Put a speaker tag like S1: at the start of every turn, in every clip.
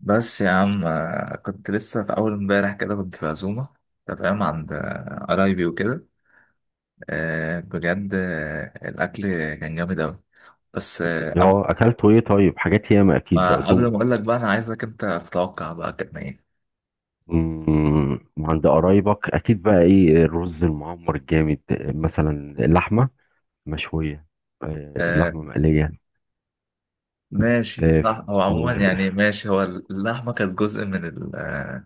S1: بس يا عم كنت لسه في أول امبارح كده كنت في عزومة. أنت فاهم عند قرايبي وكده. آه، بجد، الأكل كان جامد أوي. بس قبل
S2: اه اكلته ايه؟ طيب حاجات ياما، اكيد دي
S1: ما قبل
S2: عزومه.
S1: ما أقول لك بقى، أنا عايزك أنت تتوقع بقى كان إيه.
S2: وعند قرايبك اكيد بقى ايه؟ الرز المعمر الجامد، مثلا اللحمه مشويه،
S1: آه،
S2: اللحمه مقليه.
S1: ماشي
S2: آه، ف-
S1: صح، هو عموما
S2: وال-
S1: يعني
S2: ف-
S1: ماشي، هو اللحمة كانت جزء من ال آه،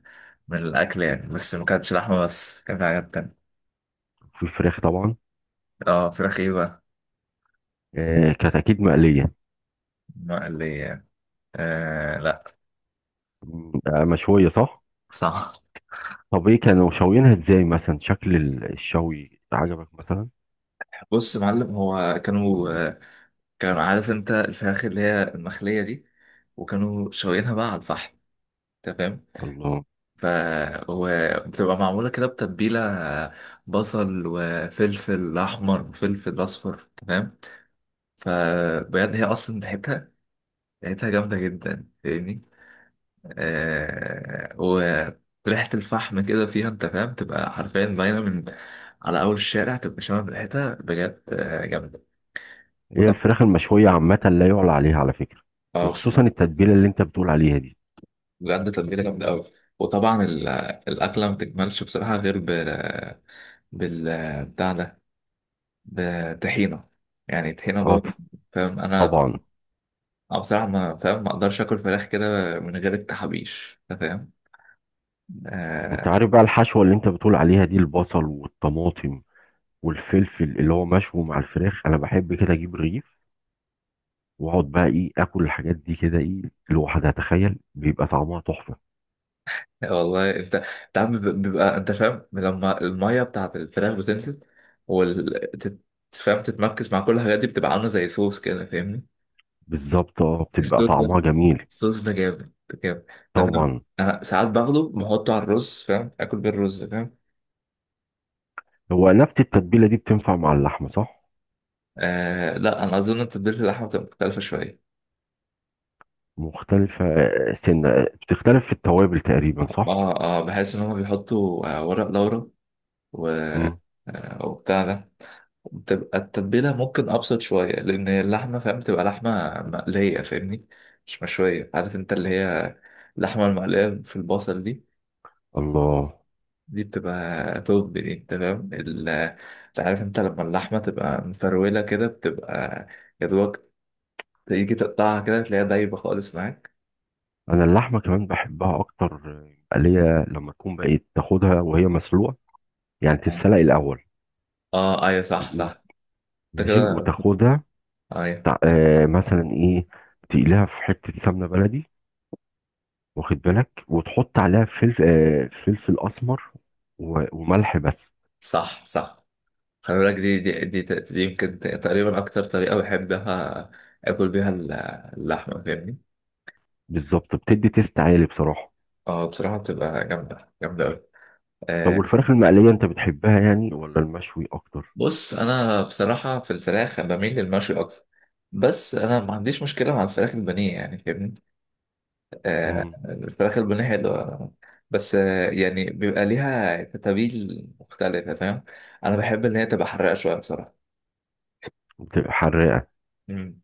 S1: من الأكل يعني، بس ما كانتش لحمة بس، كان في حاجات تانية.
S2: في فراخ طبعا.
S1: اه فراخ ايه بقى.
S2: كانت اكيد مقليه.
S1: مقلية. آه لا.
S2: مشويه صح.
S1: صح.
S2: طب ايه كانوا شاويينها ازاي؟ مثلا شكل الشوي عجبك مثلا؟
S1: بص يا معلم، هو كانوا عارف انت الفراخ اللي هي المخلية دي، وكانوا شوينها بقى على الفحم، تمام.
S2: الله.
S1: ف وبتبقى معمولة كده بتتبيلة، بصل وفلفل أحمر وفلفل أصفر، تمام. فبجد هي أصلا ريحتها، ريحتها جامدة جدا فاهمني. آه... وريحة الفحم كده فيها أنت فاهم، تبقى حرفيا باينة من على أول الشارع، تبقى شامم ريحتها بجد، جامدة.
S2: هي
S1: وطب،
S2: الفراخ المشويه عامه لا يعلى عليها على فكره،
S1: اه
S2: وخصوصا
S1: بصراحة
S2: التتبيله اللي انت بتقول عليها دي.
S1: بجد تتبيلة جامدة أوي. وطبعا الأكلة ما بتكملش بصراحة غير بال بتاع ده، بطحينة، يعني طحينة
S2: اه
S1: بابا. فاهم أنا.
S2: طبعا.
S1: أنا بصراحة ما فاهم، ما أقدرش آكل فراخ كده من غير التحابيش أنت فاهم.
S2: انت
S1: آه.
S2: عارف بقى الحشوة اللي انت بتقول عليها دي، البصل والطماطم والفلفل اللي هو مشوي مع الفراخ، انا بحب كده اجيب رغيف واقعد بقى ايه، اكل الحاجات دي كده ايه، لوحدها، تخيل بيبقى طعمها تحفة.
S1: والله أنت عم بيبقى أنت فاهم، لما المية بتاعت الفراخ بتنزل وال تت- فاهم تتمركز مع كل الحاجات دي، بتبقى عاملة زي صوص كده فاهمني.
S2: بالظبط اه، بتبقى
S1: الصوص ده
S2: طعمها جميل.
S1: الصوص ده جامد، ده جامد. انت فاهم.
S2: طبعا.
S1: انا ساعات باخده بحطه على الرز، فاهم، اكل بيه الرز فاهم.
S2: هو نفس التتبيلة دي بتنفع مع اللحمة صح؟
S1: آه لا، انا اظن ان تتبيله اللحمه بتبقى مختلفه شويه.
S2: مختلفة، سنة، بتختلف في التوابل تقريبا صح؟
S1: اه اه، بحس ان هم بيحطوا ورق لورا و
S2: مم.
S1: آه وبتاع ده، بتبقى التتبيله ممكن ابسط شويه، لان اللحمه فاهم بتبقى لحمه مقليه فاهمني، مش مشويه، عارف انت اللي هي اللحمه المقليه في البصل دي
S2: الله.
S1: دي بتبقى توب، دي تمام. انت عارف انت لما اللحمة تبقى مفرولة كده بتبقى يا دوبك تيجي تقطعها كده تلاقيها دايبة خالص معاك.
S2: انا اللحمة كمان بحبها اكتر، اللي هي لما تكون بقت تاخدها وهي مسلوقة، يعني
S1: آه.
S2: تتسلق الاول،
S1: اه ايوه صح صح. انت
S2: ماشي،
S1: كده.
S2: وتاخدها
S1: ايوه.
S2: مثلا ايه، تقليها في حته سمنه بلدي، واخد بالك، وتحط عليها فلفل فلفل اسمر وملح بس.
S1: صح صح. خلي بالك دي يمكن تقريبا اكتر طريقة بحبها اكل بيها اللحمة فاهمني.
S2: بالظبط، بتدي تيست عالي بصراحه.
S1: اه بصراحة بتبقى جامدة جامدة اوي.
S2: طب
S1: آه،
S2: والفراخ المقليه انت بتحبها يعني ولا المشوي اكتر؟
S1: بص انا بصراحه في الفراخ بميل للمشوي اكتر، بس انا ما عنديش مشكله مع الفراخ البانيه يعني فاهمني. آه،
S2: امم.
S1: الفراخ البانيه حلوه. بس يعني بيبقى ليها تتابيل مختلفه فاهم، انا بحب ان هي تبقى حراقه شويه بصراحه.
S2: بتبقى حراقه.
S1: امم.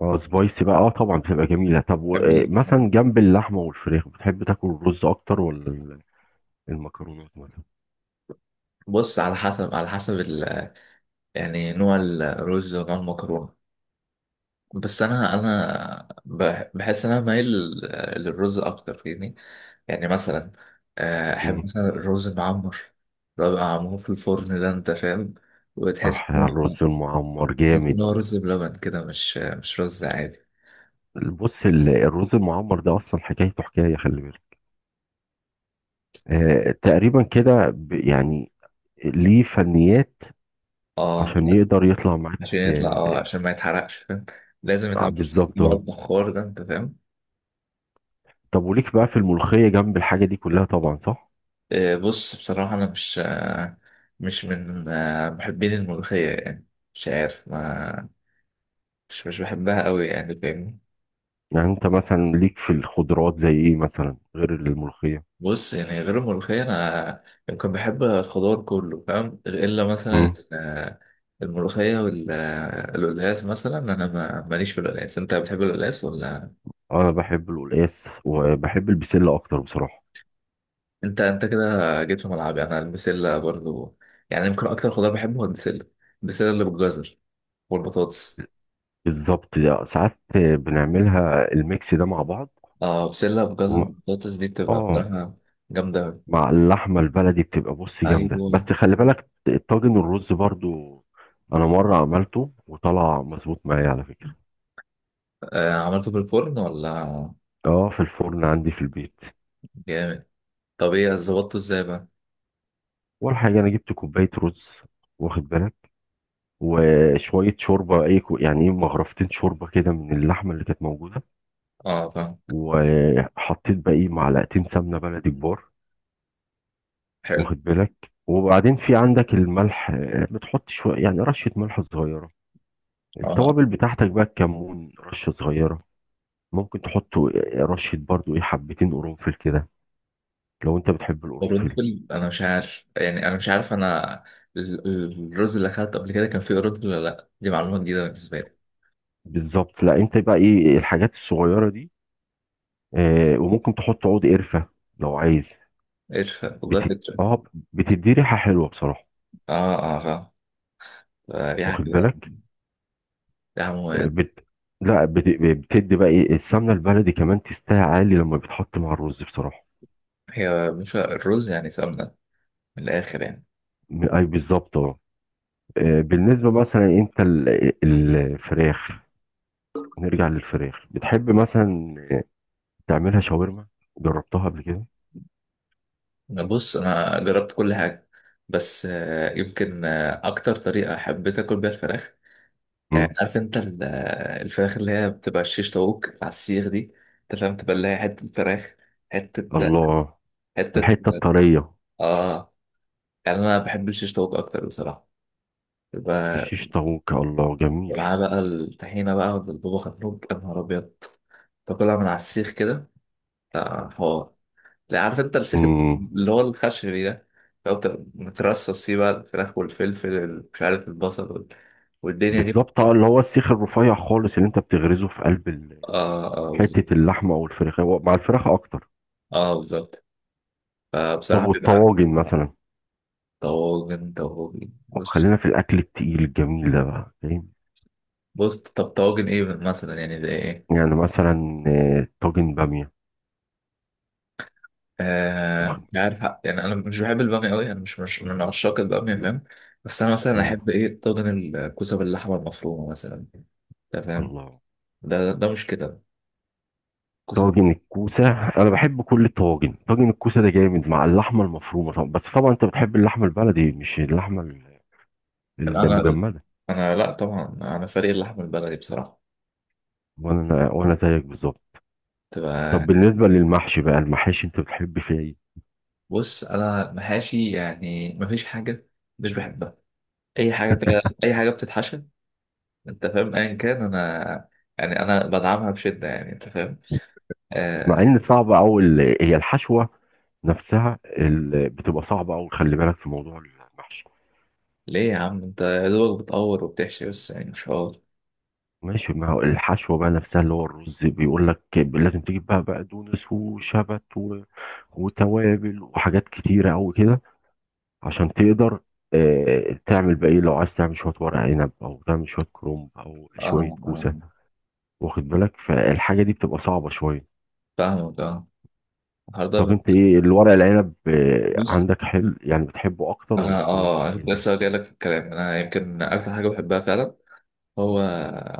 S2: اه سبايسي بقى، اه طبعا بتبقى جميله. طب
S1: بحب ال-
S2: مثلا جنب اللحمه والفراخ بتحب تاكل الرز اكتر ولا المكرونات مثلا؟
S1: بص، على حسب، على حسب ال... يعني نوع الرز ونوع المكرونه. بس انا بحس ان انا مايل للرز اكتر فاهمني. يعني مثلا احب
S2: امم.
S1: مثلا الرز المعمر، اللي هو بيبقى معمول في الفرن ده انت فاهم، وتحس
S2: صح،
S1: ان هو
S2: الرز المعمر جامد.
S1: إن هو رز بلبن كده، مش مش رز عادي.
S2: بص الرز المعمر ده اصلا حكايته حكايه، خلي بالك. تقريبا كده يعني ليه فنيات
S1: اه
S2: عشان
S1: لا،
S2: يقدر يطلع معاك.
S1: عشان يطلع اه عشان ما يتحرقش فاهم، لازم
S2: آه
S1: يتعمل في
S2: بالظبط
S1: بقى
S2: اهو.
S1: البخار ده انت فاهم.
S2: طب وليك بقى في الملوخيه جنب الحاجه دي كلها طبعا صح؟
S1: آه، بص بصراحة انا مش، مش من محبين الملوخية يعني، مش عارف ما مش بحبها قوي يعني فاهمني.
S2: يعني انت مثلا ليك في الخضروات زي ايه مثلا غير الملوخيه؟
S1: بص، يعني غير الملوخية، أنا يمكن بحب الخضار كله فاهم، إلا مثلا
S2: امم.
S1: ال- الملوخية والقلقاس مثلا، أنا ماليش في القلقاس. أنت بتحب القلقاس ولا.
S2: انا بحب القلقاس، وبحب البسله اكتر بصراحه.
S1: أنت كده جيت في ملعبي، أنا البسلة برضو. يعني يمكن أكتر خضار بحبه هو البسلة، البسلة اللي بالجزر والبطاطس.
S2: بالظبط. لا، ساعات بنعملها الميكس ده مع بعض.
S1: أه بسلة بجزر،
S2: وم-
S1: والبطاطس دي بتبقى
S2: اه،
S1: بصراحة جامدة أوي.
S2: مع اللحمه البلدي بتبقى، بص، جامده. بس
S1: أيوه.
S2: خلي بالك الطاجن الرز برضو، انا مره عملته وطلع مظبوط معايا على فكره.
S1: آه عملته في الفرن ولا.
S2: اه في الفرن عندي في البيت.
S1: جامد. طب إيه ظبطته إزاي بقى؟
S2: اول حاجه انا جبت كوبايه رز، واخد بالك، وشويه شوربه، يعني ايه، مغرفتين شوربه كده من اللحمه اللي كانت موجوده،
S1: أه فاهم.
S2: وحطيت باقي معلقتين سمنه بلدي كبار،
S1: حلو.
S2: واخد بالك. وبعدين في عندك الملح، بتحط شويه، يعني رشه ملح صغيره.
S1: اه.
S2: التوابل بتاعتك بقى، الكمون رشه صغيره. ممكن تحط رشة برضو ايه، حبتين قرنفل كده، لو انت بتحب القرنفل.
S1: قرنفل انا مش عارف يعني، انا مش عارف انا، الرز اللي اخدته قبل كده كان فيه قرنفل ولا لا، دي معلومه جديده بالنسبه لي.
S2: بالظبط، لا انت بقى ايه الحاجات الصغيرة دي. آه وممكن تحط عود قرفة لو عايز.
S1: قرش والله فكره.
S2: اه، بتدي ريحة حلوة بصراحة،
S1: اه اه فاهم. ريحه
S2: واخد
S1: كده،
S2: بالك.
S1: ريحه
S2: آه،
S1: مميزه.
S2: بت... لا بت... بتدي بقى ايه، السمنة البلدي كمان تستاهل عالي لما بتحط مع الرز بصراحة.
S1: هي مش الرز يعني سمنه، من الاخر يعني.
S2: اي بالظبط اه. آه، بالنسبة مثلا انت الفراخ، نرجع للفراخ، بتحب مثلا تعملها شاورما؟ جربتها قبل كده؟
S1: أنا بص، انا جربت كل حاجه، بس يمكن اكتر طريقه حبيت اكل بيها الفراخ،
S2: مم.
S1: عارف انت الفراخ اللي هي بتبقى الشيش طاووق على السيخ دي، انت فاهم، تبقى اللي هي حته فراخ، حته،
S2: الله.
S1: حته.
S2: الحتة الطرية.
S1: اه، يعني انا بحب الشيش طاووق اكتر بصراحه، يبقى
S2: الشيش طاووق، الله، جميل.
S1: معاه بقى الطحينه بقى بالبابا غنوج يا نهار ابيض، تاكلها من على السيخ كده، حوار. لا عارف انت السيخ
S2: امم.
S1: اللي هو الخشبي ده، لو مترصص فيه بقى الفراخ والفلفل، مش عارف البصل والدنيا دي.
S2: بالظبط اه، اللي هو السيخ الرفيع خالص اللي انت بتغرزه في قلب
S1: اه اه بالظبط.
S2: حتة اللحمة او الفراخ، هو مع الفراخ اكتر.
S1: اه بالظبط.
S2: طب
S1: فبصراحه بيبقى.
S2: والطواجن مثلا؟
S1: طواجن طواجن، بص.
S2: خلينا في الاكل التقيل الجميل ده بقى فاهم.
S1: بص طب طواجن ايه، مثلا يعني زي ايه.
S2: يعني مثلا طاجن بامية.
S1: آه
S2: واخد-
S1: عارف حق، يعني انا مش بحب الباميه قوي، انا مش من عشاق الباميه فاهم. بس انا مثلا
S2: مم.
S1: احب ايه، طاجن الكوسه باللحمه المفرومه مثلا. انت فاهم،
S2: الله،
S1: ده مش كده الكوسه.
S2: طاجن الكوسة. انا بحب كل الطواجن، طاجن الكوسة ده جامد مع اللحمة المفرومة طبعا. بس طبعا انت بتحب اللحمة البلدي مش اللحمة
S1: انا
S2: المجمدة.
S1: انا لا طبعا انا فريق اللحمه البلدي بصراحه.
S2: وانا زيك بالظبط. طب
S1: تبقى.
S2: بالنسبه للمحشي بقى، المحاشي انت بتحب فيها ايه؟
S1: بص انا المحاشي يعني مفيش حاجه، مش بحبها، اي حاجه اي حاجه بتتحشى انت فاهم ايا كان، انا يعني انا بدعمها بشده يعني انت فاهم.
S2: مع
S1: آه.
S2: ان صعب، او هي الحشوه نفسها بتبقى صعبه، او خلي بالك في موضوع المحشي.
S1: ليه يا عم انت يا دوبك بتقور وبتحشي بس يعني، مش حوار.
S2: ماشي، ما هو الحشوه بقى نفسها، اللي هو الرز بيقول لك لازم تجيب بقى بقدونس وشبت وتوابل وحاجات كتيره قوي كده، عشان تقدر، تعمل بقى ايه، لو عايز تعمل شويه ورق عنب او تعمل شويه كرنب او شويه
S1: اه اه
S2: كوسه، واخد بالك. فالحاجه دي بتبقى صعبه شويه.
S1: فاهمك اه. النهارده
S2: طب انت ايه الورق العنب،
S1: بص،
S2: عندك حلو يعني، بتحبه اكتر ولا
S1: انا
S2: الكرنب والحاجات
S1: كنت
S2: دي؟
S1: لسه جاي لك في الكلام، انا يمكن اكتر حاجه بحبها فعلا هو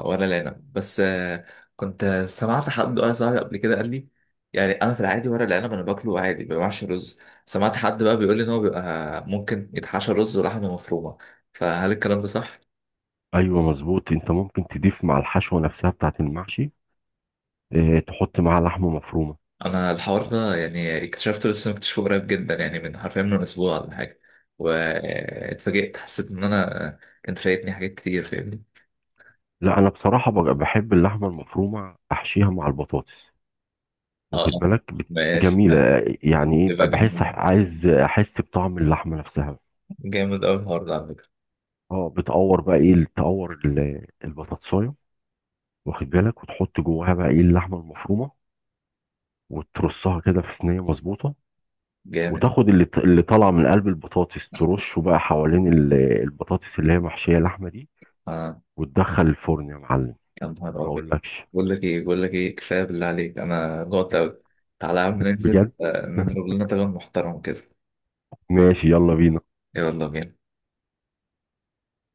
S1: ورق العنب. بس كنت سمعت حد واحد صاحبي قبل كده قال لي، يعني انا في العادي ورق العنب انا باكله عادي، ما بعملش رز، سمعت حد بقى بيقول لي ان هو بيبقى ممكن يتحشى رز ولحمه مفرومه، فهل الكلام ده صح؟
S2: ايوه مظبوط، انت ممكن تضيف مع الحشوه نفسها بتاعت المحشي، اه، تحط معاها لحمه مفرومه.
S1: انا الحوار ده يعني اكتشفته لسه، مكتشفه قريب جدا يعني، من حرفيا من اسبوع ولا حاجه، واتفاجئت، حسيت ان انا كان فايتني حاجات كتير فاهمني.
S2: لا انا بصراحه بحب اللحمه المفرومه احشيها مع البطاطس،
S1: اه
S2: واخد
S1: آه.
S2: بالك.
S1: ماشي
S2: جميله،
S1: أيوة.
S2: يعني ايه بقى،
S1: يبقى
S2: بحس
S1: جامد،
S2: عايز احس بطعم اللحمه نفسها.
S1: جامد قوي الحوار ده على فكره.
S2: اه بتقور بقى ايه، تقور البطاطسايه، واخد بالك، وتحط جواها بقى ايه اللحمه المفرومه، وترصها كده في صينيه مظبوطه،
S1: جامد.
S2: وتاخد اللي طالعه من قلب البطاطس، ترشه بقى حوالين البطاطس اللي هي محشيه لحمه دي،
S1: اه
S2: وتدخل الفرن يا معلم.
S1: يا نهار
S2: ما
S1: ابيض.
S2: اقولكش
S1: بقول لك ايه، بقول لك ايه، كفايه بالله عليك انا جوعت قوي. تعالى يا عم ننزل
S2: بجد.
S1: نضرب لنا طبق محترم كده.
S2: ماشي، يلا بينا.
S1: يلا بينا.